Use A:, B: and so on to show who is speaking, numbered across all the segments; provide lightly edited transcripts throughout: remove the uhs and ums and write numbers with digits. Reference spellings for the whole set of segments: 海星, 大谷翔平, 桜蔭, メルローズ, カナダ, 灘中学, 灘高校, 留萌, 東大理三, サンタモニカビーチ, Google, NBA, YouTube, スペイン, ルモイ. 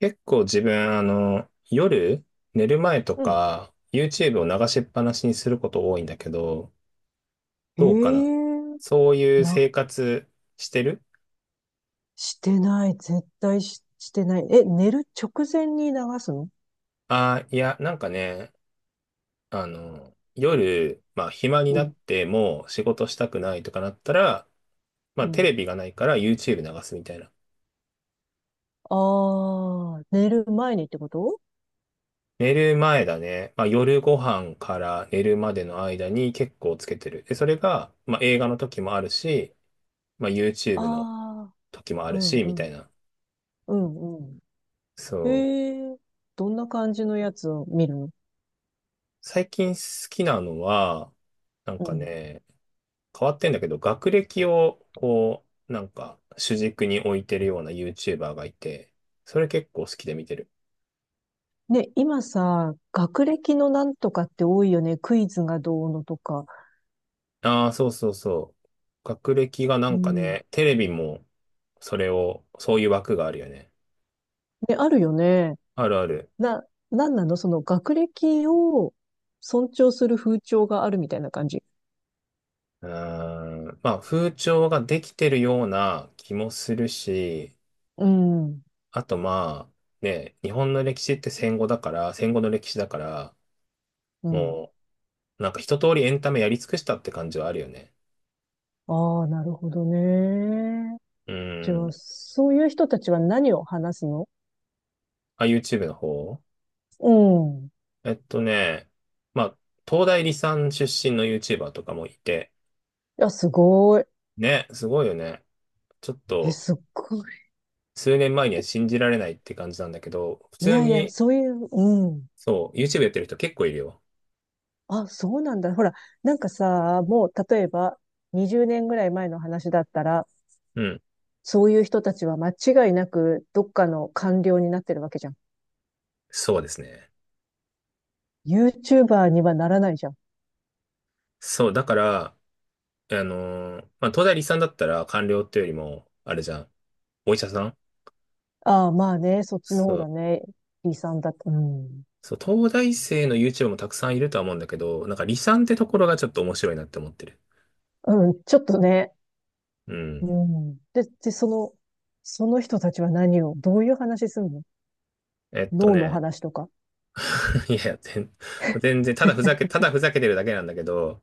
A: 結構自分、夜、寝る前と
B: うん。
A: か、YouTube を流しっぱなしにすること多いんだけど、
B: え
A: どうかな？
B: え
A: そういう
B: な、
A: 生活してる？
B: してない。絶対してない。え、寝る直前に流すの？
A: あ、いや、なんかね、夜、まあ、暇に
B: う
A: なっ
B: ん、
A: てもう仕事したくないとかなったら、まあ、
B: う
A: テ
B: ん。
A: レビがないから YouTube 流すみたいな。
B: ああ、寝る前にってこと？
A: 寝る前だね。まあ、夜ご飯から寝るまでの間に結構つけてる。で、それが、まあ、映画の時もあるし、まあ、YouTube の
B: ああ
A: 時もあ
B: ー、う
A: る
B: ん、
A: し、
B: う
A: みたい
B: ん、
A: な。
B: うん、うん。
A: そう。
B: ええ。どんな感じのやつを見るの？
A: 最近好きなのは、なん
B: う
A: か
B: ん。
A: ね、変わってんだけど、学歴を、こう、なんか、主軸に置いてるような YouTuber がいて、それ結構好きで見てる。
B: ね、今さ、学歴のなんとかって多いよね。クイズがどうのとか。
A: ああ、そうそうそう。学歴がな
B: う
A: んか
B: ん。
A: ね、テレビも、それを、そういう枠があるよね。
B: ね、あるよね。
A: あるある。
B: な、なんなのその学歴を尊重する風潮があるみたいな感じ。
A: うーん。まあ、風潮ができてるような気もするし、
B: うん、
A: あとまあ、ね、日本の歴史って戦後だから、戦後の歴史だから、
B: うん。
A: もう、なんか一通りエンタメやり尽くしたって感じはあるよね。
B: ああ、なるほどね。
A: う
B: じゃあ、
A: ん。
B: そういう人たちは何を話すの？
A: あ、YouTube の方？
B: うん。い
A: えっとね、まあ、東大理三出身の YouTuber とかもいて、
B: や、すごい。
A: ね、すごいよね。ちょっ
B: え、
A: と、
B: すっごい。
A: 数年前には信じられないって感じなんだけど、普
B: い
A: 通
B: やいや、
A: に、
B: そういう、うん。
A: そう、YouTube やってる人結構いるよ。
B: あ、そうなんだ。ほら、なんかさ、もう、例えば、20年ぐらい前の話だったら、
A: うん。
B: そういう人たちは間違いなく、どっかの官僚になってるわけじゃん。
A: そうですね。
B: YouTuber にはならないじゃん。
A: そう、だから、東大理三だったら官僚っていうよりも、あれじゃん、お医者さん。
B: ああ、まあね、そっちの
A: そ
B: 方だ
A: う
B: ね。B さんだと。うん。
A: そう、東大生の YouTube もたくさんいるとは思うんだけど、なんか離散ってところがちょっと面白いなって思ってる。
B: うん、ちょっとね、
A: う
B: う
A: ん。
B: ん。で、その、その人たちは何を、どういう話すんの？
A: えっと
B: 脳の
A: ね、
B: 話とか。
A: いやいや、全然、ただふざけてるだけなんだけど、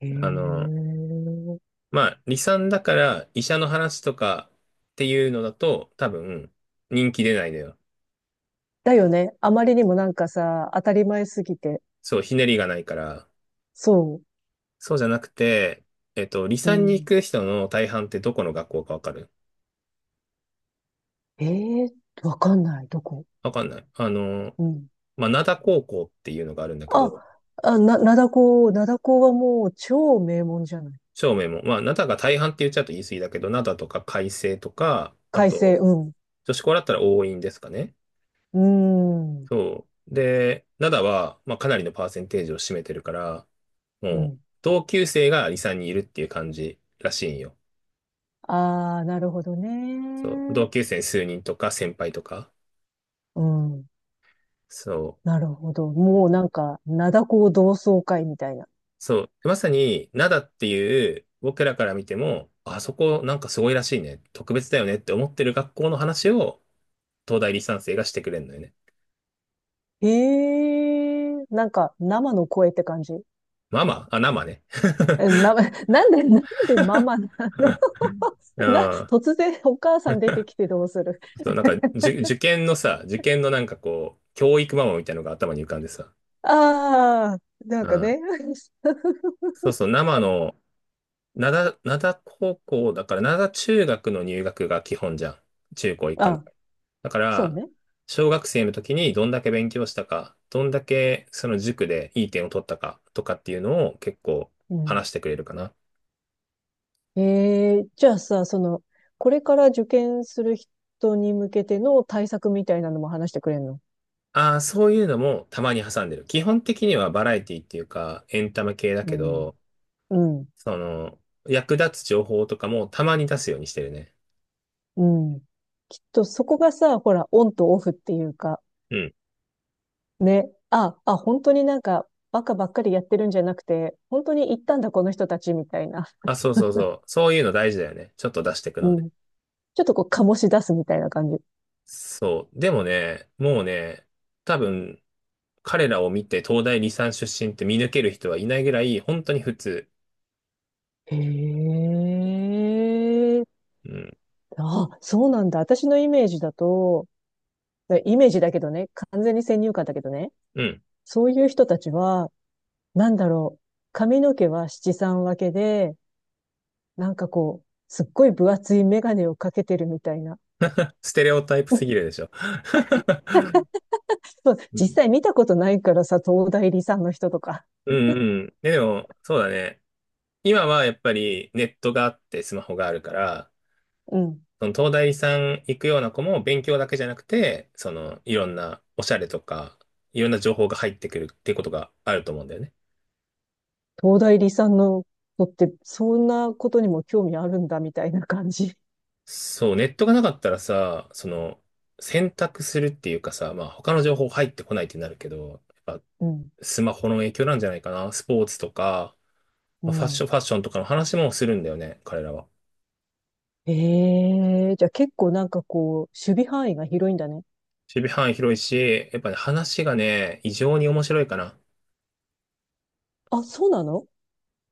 B: へ
A: あの、
B: え。
A: まあ、離散だから医者の話とかっていうのだと、多分、人気出ないのよ。
B: だよね。あまりにもなんかさ、当たり前すぎて。
A: そう、ひねりがないから。
B: そ
A: そうじゃなくて、離
B: う。う
A: 散に行
B: ん。
A: く人の大半ってどこの学校かわかる？
B: ええ。わかんない。どこ？
A: わかんない。
B: うん。
A: まあ、灘高校っていうのがあるんだけ
B: あ、
A: ど、
B: あ、灘高はもう超名門じゃない？
A: 照明も、まあ、灘が大半って言っちゃうと言い過ぎだけど、灘とか海星とか、あ
B: 開成、
A: と、
B: うん。
A: 女子校だったら桜蔭ですかね。
B: うん。
A: そう。で、灘は、まあ、かなりのパーセンテージを占めてるから、も
B: う
A: う、
B: ん。
A: 同級生がサンにんいるっていう感じらしいんよ。
B: ああ、なるほど
A: そう。
B: ね。
A: 同級生数人とか、先輩とか。
B: うん。
A: そ
B: な
A: う。
B: るほど。もうなんか、灘高同窓会みたいな。
A: そう。まさに、灘っていう、僕らから見ても、あそこなんかすごいらしいね。特別だよねって思ってる学校の話を、東大理三生がしてくれるのよね。
B: ええ。なんか生の声って感じ。
A: ママあ、生ね。
B: え、なんでママなの？
A: ああ、
B: 突然お母さん出てきてどうする？
A: そう、なんか、受験のさ、受験のなんかこう、教育ママみたいなのが頭に浮かんでさ。
B: ああ、なん
A: う
B: か
A: ん。
B: ね。
A: そうそう、生の、灘高校だから、灘中学の入学が基本じゃん。中高一貫だ
B: あ、
A: から。だか
B: そう
A: ら、
B: ね。
A: 小学生の時にどんだけ勉強したか、どんだけその塾でいい点を取ったかとかっていうのを結構
B: うん。
A: 話してくれるかな。
B: ええ。じゃあさ、その、これから受験する人に向けての対策みたいなのも話してくれんの？
A: ああ、そういうのもたまに挟んでる。基本的にはバラエティっていうか、エンタメ系だ
B: う
A: け
B: ん。
A: ど、
B: うん。
A: その、役立つ情報とかもたまに出すようにしてるね。
B: うん。きっとそこがさ、ほら、オンとオフっていうか、
A: うん。
B: ね。あ、あ、本当になんか、バカばっかりやってるんじゃなくて、本当に行ったんだ、この人たち、みたいな。
A: あ、そうそうそう。そういうの大事だよね。ちょっと出していく
B: う
A: のね。
B: ん。ちょっとこう、醸し出すみたいな感じ。
A: そう。でもね、もうね、多分、彼らを見て東大理三出身って見抜ける人はいないぐらい、本当に普通。
B: へえ。
A: うん。
B: あ、そうなんだ。私のイメージだと、ねイメージだけどね、完全に先入観だけどね、
A: うん。
B: そういう人たちは、なんだろう、髪の毛は七三分けで、なんかこう、すっごい分厚いメガネをかけてるみたいな。
A: ステレオタイプすぎるでしょ。
B: そう
A: うん。
B: 実際見たことないからさ、東大理さんの人とか。
A: うんうん。でも、そうだね。今はやっぱりネットがあってスマホがあるから、
B: うん。
A: その東大さん行くような子も勉強だけじゃなくて、そのいろんなおしゃれとか、いろんな情報が入ってくるっていうことがあると思うんだよね。
B: 東大理さんの子って、そんなことにも興味あるんだ、みたいな感じ。
A: そう、ネットがなかったらさ、その選択するっていうかさ、まあ他の情報入ってこないってなるけど、やっぱ
B: うん、
A: スマホの影響なんじゃないかな。スポーツとか、
B: う
A: まあファッシ
B: ん。
A: ョン、ファッションとかの話もするんだよね、彼らは。
B: ええ。じゃあ結構なんかこう、守備範囲が広いんだね。
A: 守備範囲広いし、やっぱね、話がね、異常に面白いかな。
B: あ、そうなの？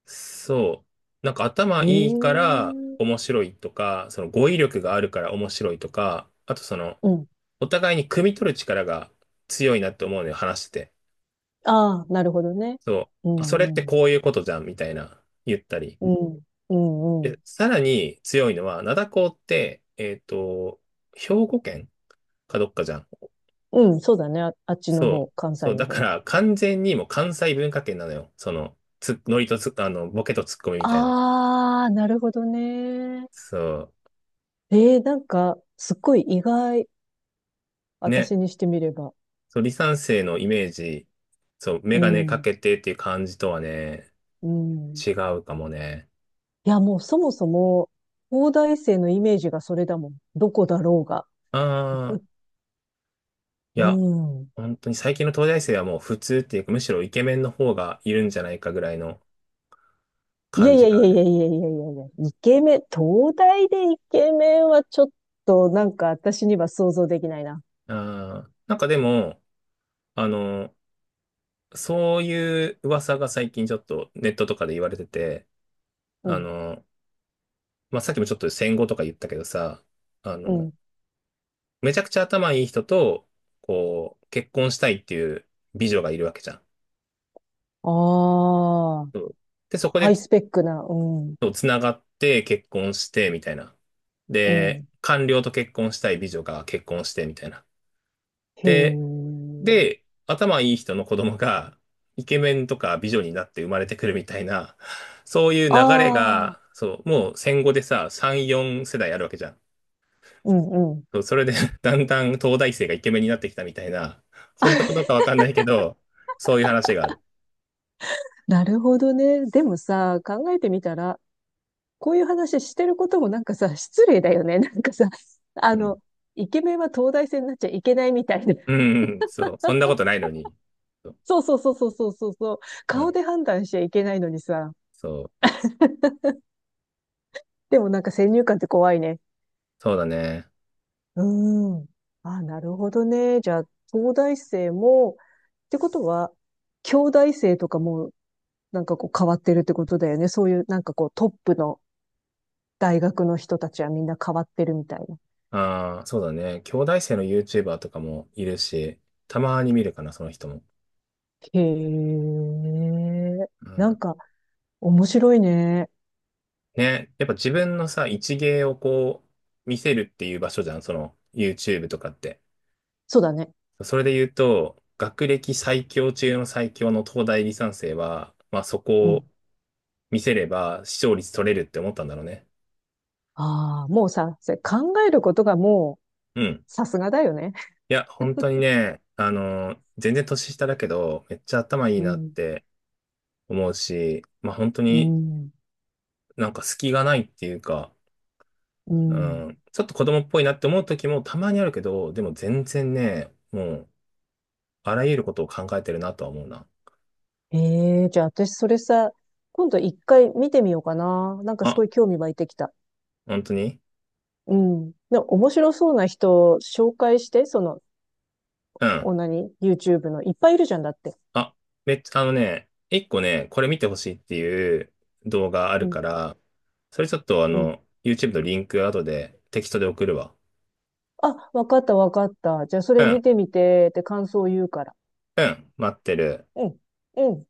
A: そう。なんか頭いいか
B: ええ。
A: ら面白いとか、その語彙力があるから面白いとか、あとその、
B: うん。
A: お互いに汲み取る力が強いなって思うのよ、話してて。
B: ああ、なるほどね。
A: そう。
B: う
A: あそれっ
B: ん、
A: て
B: うん、
A: こういうことじゃん、みたいな、言ったり。
B: うん、うん、うん。
A: え、さらに強いのは、灘高って、兵庫県かどっかじゃん。
B: うん、そうだね。あ、あっちの方、
A: そう。
B: 関西
A: そう。
B: の
A: だか
B: 方。
A: ら完全にもう関西文化圏なのよ。その、つ、ノリとつ、あの、ボケとツッコミみたいな。
B: ああ、なるほどね。
A: そ
B: ええ。なんか、すっごい意外。
A: う。ね。
B: 私にしてみれば。
A: そう、離散生のイメージ、そう、
B: う
A: メガネか
B: ん、
A: けてっていう感じとはね、
B: うん。
A: 違うかもね。
B: いや、もうそもそも、東大生のイメージがそれだもん。どこだろうが。
A: ああ、い
B: う
A: や、
B: ん。
A: 本当に最近の東大生はもう普通っていうか、むしろイケメンの方がいるんじゃないかぐらいの
B: いや
A: 感
B: い
A: じ
B: やい
A: があ
B: やいや
A: る。
B: いやいやいやいや、イケメン、東大でイケメンはちょっとなんか私には想像できないな。
A: ああ、なんかでも、あの、そういう噂が最近ちょっとネットとかで言われてて、
B: う
A: あ
B: ん、
A: の、まあ、さっきもちょっと戦後とか言ったけどさ、あ
B: う
A: の、
B: ん。
A: めちゃくちゃ頭いい人と、こう、結婚したいっていう美女がいるわけじゃん。
B: ああ、
A: そうで、そこ
B: ハ
A: で
B: イ
A: つ、
B: スペックな、うん、
A: つながって結婚して、みたいな。
B: う
A: で、
B: ん。
A: 官僚と結婚したい美女が結婚して、みたいな。
B: へ
A: で、
B: え。
A: で、頭いい人の子供がイケメンとか美女になって生まれてくるみたいな、そういう流れ
B: ああ、
A: が、そう、もう戦後でさ、3、4世代あるわけじゃん。
B: うん、うん。
A: そうそれで だんだん東大生がイケメンになってきたみたいな、本当かどうかわかんないけど、そういう話がある。
B: なるほどね。でもさ、考えてみたら、こういう話してることもなんかさ、失礼だよね。なんかさ、あ
A: うん。
B: の、イケメンは東大生になっちゃいけないみたいな。
A: うん、うん、そう。そんなことないのに。そう。
B: そうそうそうそうそうそうそう。
A: う
B: 顔
A: ん。
B: で判断しちゃいけないのにさ。
A: そう。
B: でもなんか先入観って怖いね。
A: そうだね。
B: うーん。あ、なるほどね。じゃあ、東大生も、ってことは、兄弟生とかもなんかこう変わってるってことだよね。そういうなんかこうトップの大学の人たちはみんな変わってるみたいな。
A: ああ、そうだね。兄弟生の YouTuber とかもいるし、たまに見るかな、その人も。
B: へえ。
A: う
B: なん
A: ん。
B: か面白いね。
A: ね、やっぱ自分のさ、一芸をこう、見せるっていう場所じゃん、その YouTube とかって。
B: そうだね。
A: それで言うと、学歴最強中の最強の東大理三生は、まあそ
B: う
A: こ
B: ん。
A: を見せれば視聴率取れるって思ったんだろうね。
B: ああ、もうさ、それ考えることがも
A: うん。
B: う、さすがだよね。
A: いや、本当にね、全然年下だけど、めっちゃ頭いい
B: う
A: なっ
B: ん。
A: て思うし、まあ本当
B: う
A: に
B: ん。
A: なんか隙がないっていうか、
B: うん。
A: うん、ちょっと子供っぽいなって思う時もたまにあるけど、でも全然ね、もう、あらゆることを考えてるなとは思うな。
B: ええ。じゃあ私それさ、今度一回見てみようかな。なんかす
A: あ、
B: ごい興味湧いてきた。
A: 本当に？
B: うん。で、面白そうな人を紹介して、その、
A: う
B: お
A: ん。
B: なに、YouTube の。いっぱいいるじゃんだって。
A: あ、めっちゃ、あのね、一個ね、これ見てほしいっていう動画あ
B: う
A: る
B: ん。
A: から、それちょっとあ
B: うん。
A: の、YouTube のリンク後でテキストで送るわ。
B: あ、わかったわかった。じゃあそ
A: う
B: れ
A: ん、
B: 見てみて、って感想を言うから。
A: うん、待ってる。
B: うん。うん。